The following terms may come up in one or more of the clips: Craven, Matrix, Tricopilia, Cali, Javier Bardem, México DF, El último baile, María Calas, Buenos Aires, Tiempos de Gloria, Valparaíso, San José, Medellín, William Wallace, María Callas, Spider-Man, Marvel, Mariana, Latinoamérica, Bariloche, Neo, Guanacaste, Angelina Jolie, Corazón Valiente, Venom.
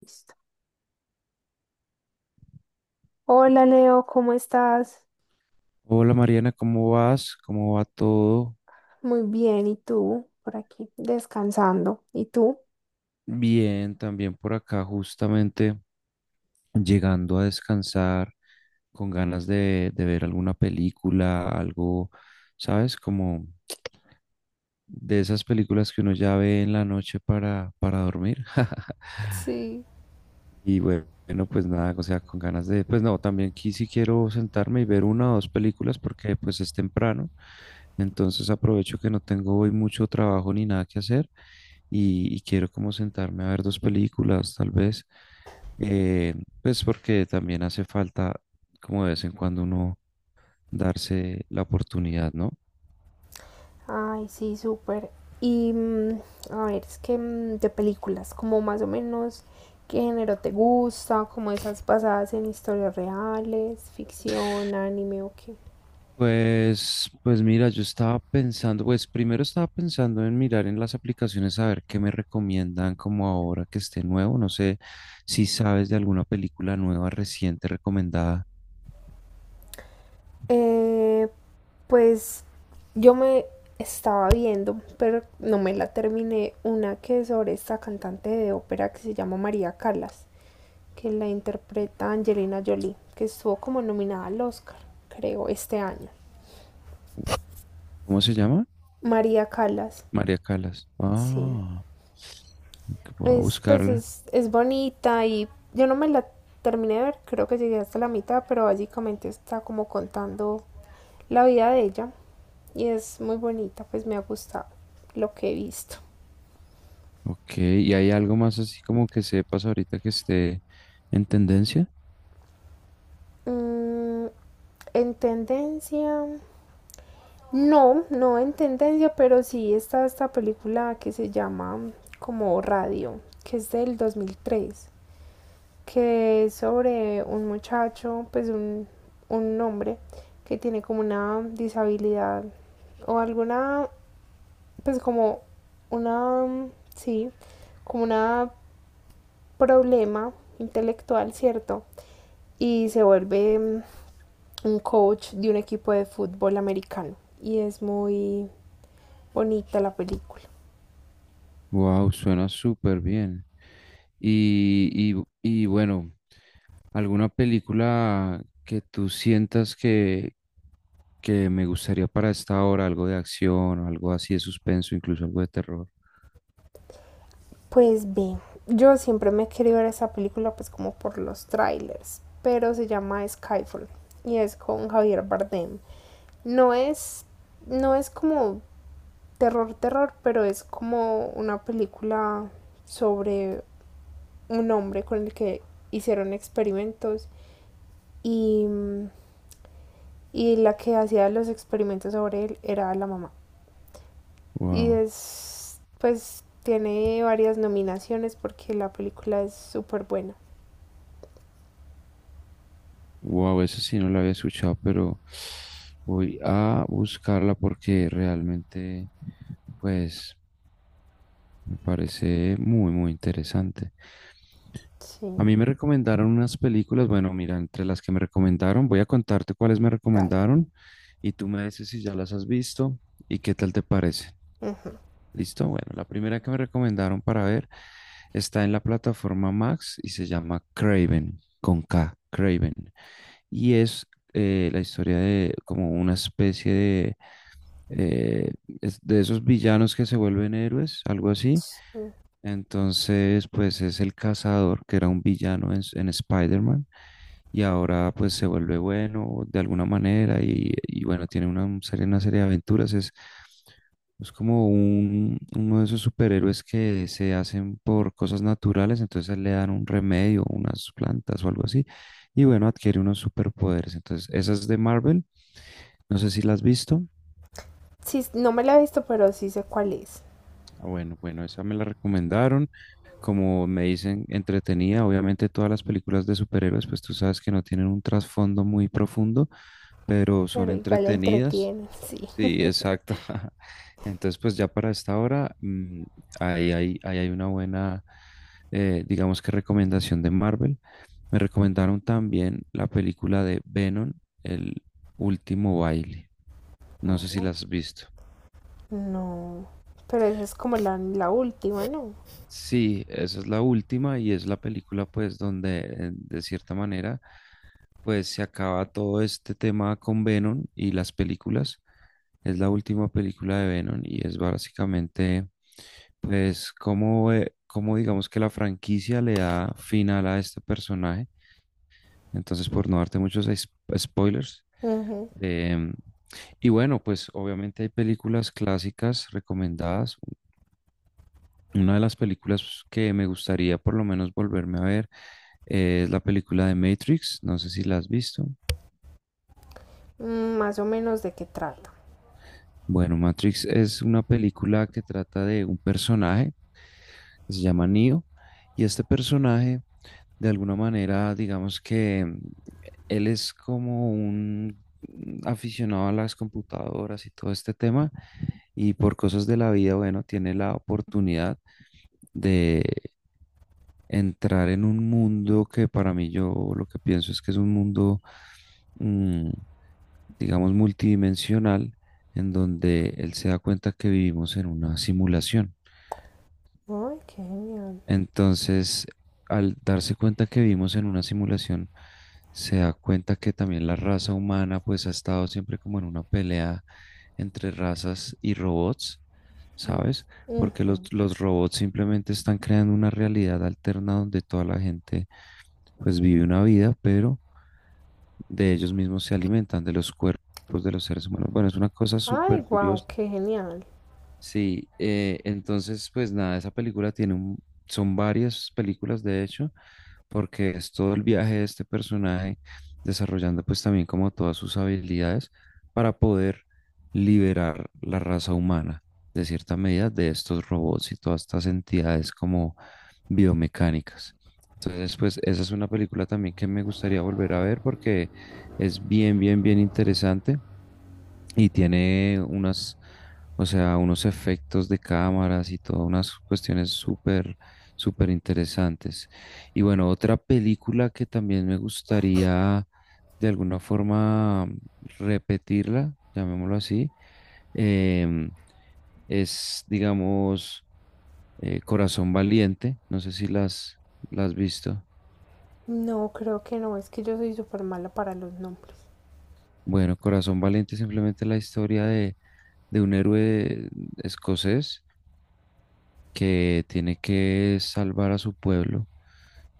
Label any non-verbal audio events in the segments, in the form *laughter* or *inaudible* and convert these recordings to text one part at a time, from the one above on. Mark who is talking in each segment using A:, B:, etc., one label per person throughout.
A: Listo. Hola Leo, ¿cómo estás?
B: Hola Mariana, ¿cómo vas? ¿Cómo va todo?
A: Muy bien, ¿y tú? Por aquí, descansando. ¿Y tú?
B: Bien, también por acá justamente llegando a descansar con ganas de ver alguna película, algo, ¿sabes? Como de esas películas que uno ya ve en la noche para dormir. *laughs*
A: Sí.
B: Bueno, pues nada, o sea, con ganas de, pues no, también aquí sí quiero sentarme y ver una o dos películas porque pues es temprano, entonces aprovecho que no tengo hoy mucho trabajo ni nada que hacer y quiero como sentarme a ver dos películas tal vez, eh, pues porque también hace falta como de vez en cuando uno darse la oportunidad, ¿no?
A: Ay, sí, súper. Y a ver, es que de películas, como más o menos, ¿qué género te gusta? Como esas basadas en historias reales, ficción, anime o qué.
B: Pues mira, yo estaba pensando, pues primero estaba pensando en mirar en las aplicaciones a ver qué me recomiendan como ahora que esté nuevo. No sé si sabes de alguna película nueva reciente recomendada.
A: Eh, pues yo me estaba viendo, pero no me la terminé, una que es sobre esta cantante de ópera que se llama María Callas, que la interpreta Angelina Jolie, que estuvo como nominada al Oscar, creo, este año.
B: ¿Cómo se llama?
A: María Calas,
B: María Calas.
A: sí.
B: Ah, ok, voy a
A: Es, pues
B: buscarla.
A: es bonita y yo no me la terminé de ver, creo que llegué hasta la mitad, pero básicamente está como contando la vida de ella y es muy bonita, pues me ha gustado lo que he visto.
B: Ok, ¿y hay algo más así como que sepas ahorita que esté en tendencia?
A: Mm, en tendencia. No, no en tendencia, pero sí está esta película que se llama como Radio, que es del 2003, que es sobre un muchacho, pues un hombre que tiene como una disabilidad o alguna, pues como una, sí, como una problema intelectual, ¿cierto? Y se vuelve un coach de un equipo de fútbol americano y es muy bonita la película.
B: Wow, suena súper bien. Y bueno, ¿alguna película que tú sientas que me gustaría para esta hora? Algo de acción o algo así de suspenso, incluso algo de terror.
A: Pues ve, yo siempre me he querido ver esa película pues como por los trailers, pero se llama Skyfall y es con Javier Bardem. No es no es como terror terror, pero es como una película sobre un hombre con el que hicieron experimentos y, y la que hacía los experimentos sobre él era la mamá. Y
B: Wow.
A: es pues tiene varias nominaciones porque la película es súper buena.
B: Wow, eso sí no lo había escuchado, pero voy a buscarla porque realmente, pues, me parece muy, muy interesante. A
A: Sí.
B: mí me recomendaron unas películas, bueno, mira, entre las que me recomendaron, voy a contarte cuáles me
A: Dale.
B: recomendaron y tú me dices si ya las has visto y qué tal te parece.
A: Ujú.
B: Listo, bueno, la primera que me recomendaron para ver está en la plataforma Max y se llama Craven, con K, Craven. Y es la historia de como una especie de, eh, de esos villanos que se vuelven héroes, algo así.
A: Mm.
B: Entonces, pues es el cazador, que era un villano en Spider-Man, y ahora pues se vuelve bueno de alguna manera y bueno, tiene una serie de aventuras. Es como uno de esos superhéroes que se hacen por cosas naturales, entonces a él le dan un remedio, unas plantas o algo así, y bueno, adquiere unos superpoderes. Entonces, esa es de Marvel, no sé si la has visto.
A: Sí, no me la he visto, pero sí sé cuál es.
B: Ah, bueno, esa me la recomendaron. Como me dicen, entretenida. Obviamente todas las películas de superhéroes, pues tú sabes que no tienen un trasfondo muy profundo, pero son
A: Pero igual la
B: entretenidas.
A: entretiene, sí.
B: Sí, exacto. *laughs* Entonces, pues ya para esta hora, mm, ahí hay una buena, digamos que recomendación de Marvel. Me recomendaron también la película de Venom, El último baile. No sé si la
A: Oh,
B: has visto.
A: no. Pero esa es como la última, ¿no?
B: Sí, esa es la última y es la película pues donde de cierta manera pues se acaba todo este tema con Venom y las películas. Es la última película de Venom y es básicamente pues cómo, cómo digamos que la franquicia le da final a este personaje. Entonces por no darte muchos spoilers.
A: Ujú.
B: em, y bueno, pues obviamente hay películas clásicas recomendadas, una de las películas que me gustaría por lo menos volverme a ver es la película de Matrix. No sé si la has visto.
A: Mm, más o menos de qué trata.
B: Bueno, Matrix es una película que trata de un personaje que se llama Neo, y este personaje, de alguna manera, digamos que él es como un aficionado a las computadoras y todo este tema, y por cosas de la vida, bueno, tiene la oportunidad de entrar en un mundo que para mí yo lo que pienso es que es un mundo, mm, digamos, multidimensional, en donde él se da cuenta que vivimos en una simulación.
A: Ay, qué genial.
B: Entonces, al darse cuenta que vivimos en una simulación, se da cuenta que también la raza humana pues ha estado siempre como en una pelea entre razas y robots,
A: Mm.
B: ¿sabes? Porque
A: Ujú.
B: los robots simplemente están creando una realidad alterna donde toda la gente pues vive una vida, pero de ellos mismos se alimentan, de los cuerpos de los seres humanos. Bueno, es una cosa súper
A: Ay, wow,
B: curiosa.
A: qué genial.
B: Sí, entonces pues nada, esa película tiene un, son varias películas de hecho, porque es todo el viaje de este personaje desarrollando pues también como todas sus habilidades para poder liberar la raza humana de cierta medida de estos robots y todas estas entidades como biomecánicas. Entonces pues esa es una película también que me gustaría volver a ver porque es bien, bien, bien interesante y tiene unas, o sea, unos efectos de cámaras y todas unas cuestiones súper, súper interesantes. Y bueno, otra película que también me gustaría de alguna forma repetirla, llamémoslo así, em, es, digamos, Corazón Valiente. No sé si las has visto.
A: No, creo que no, es que yo soy súper mala para los nombres.
B: Bueno, Corazón Valiente es simplemente la historia de un héroe escocés que tiene que salvar a su pueblo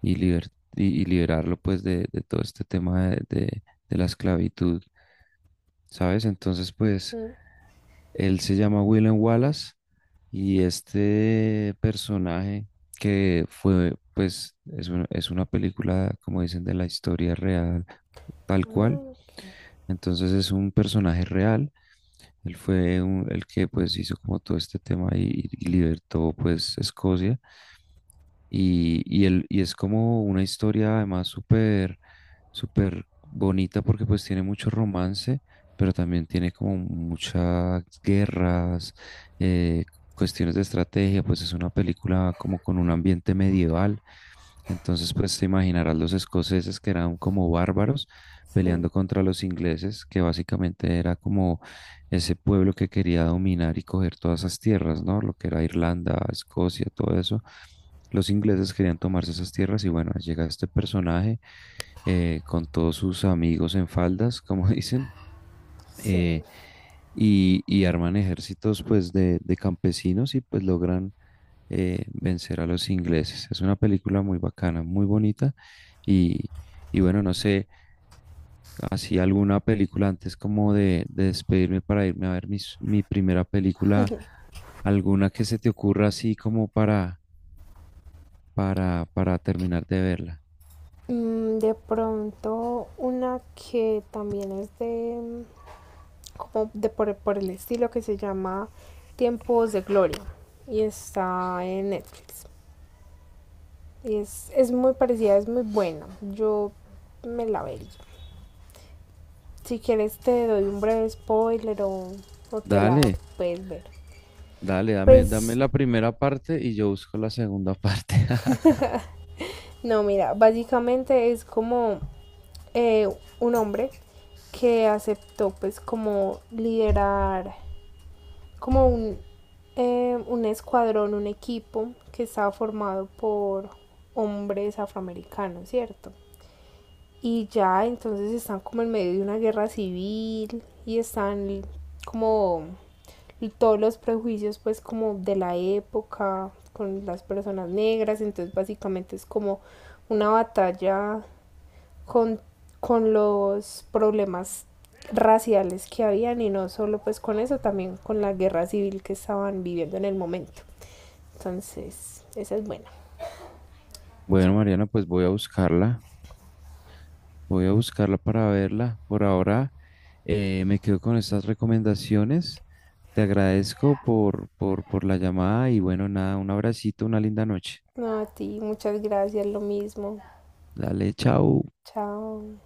B: y, liber- y liberarlo pues de todo este tema de la esclavitud, ¿sabes? Entonces pues
A: Mm.
B: él se llama William Wallace, y este personaje que fue, pues es una película como dicen de la historia real tal cual,
A: Ay, ok.
B: entonces es un personaje real. Él fue un- el que pues hizo como todo este tema y libertó pues Escocia. Y es como una historia además súper, súper bonita porque pues tiene mucho romance, pero también tiene como muchas guerras, eh, cuestiones de estrategia, pues es una película como con un ambiente medieval. Entonces pues te imaginarás los escoceses que eran como bárbaros
A: Sí.
B: peleando contra los ingleses, que básicamente era como ese pueblo que quería dominar y coger todas esas tierras, ¿no? Lo que era Irlanda, Escocia, todo eso. Los ingleses querían tomarse esas tierras y bueno, llega este personaje con todos sus amigos en faldas, como *laughs* dicen,
A: Sí.
B: eh, y arman ejércitos pues de campesinos y pues logran vencer a los ingleses. Es una película muy bacana, muy bonita y, y bueno, no sé, así alguna película antes como de despedirme para irme a ver mi primera película, alguna que se te ocurra así como para terminar de verla.
A: Mm, de pronto, una que también es de, como de por el estilo que se llama Tiempos de Gloria y está en Netflix. Y es muy parecida, es muy buena. Yo me la vería. Si quieres te doy un breve spoiler o te la
B: Dale,
A: puedes ver.
B: dale, dame
A: Pues
B: la primera parte y yo busco la segunda parte. *laughs*
A: no, mira, básicamente es como eh, un hombre que aceptó pues como liderar como un escuadrón, un equipo que estaba formado por hombres afroamericanos, ¿cierto? Y ya entonces están como en medio de una guerra civil y están como todos los prejuicios pues como de la época con las personas negras, entonces básicamente es como una batalla con, con los problemas raciales que habían y no solo pues con eso, también con la guerra civil que estaban viviendo en el momento. Entonces, esa es buena.
B: Bueno, Mariana, pues voy a buscarla para verla. Por ahora me quedo con estas recomendaciones. Te agradezco por la llamada y bueno, nada, un abracito, una linda noche.
A: No, a ti, muchas gracias, lo mismo.
B: Dale, chao.
A: Chao.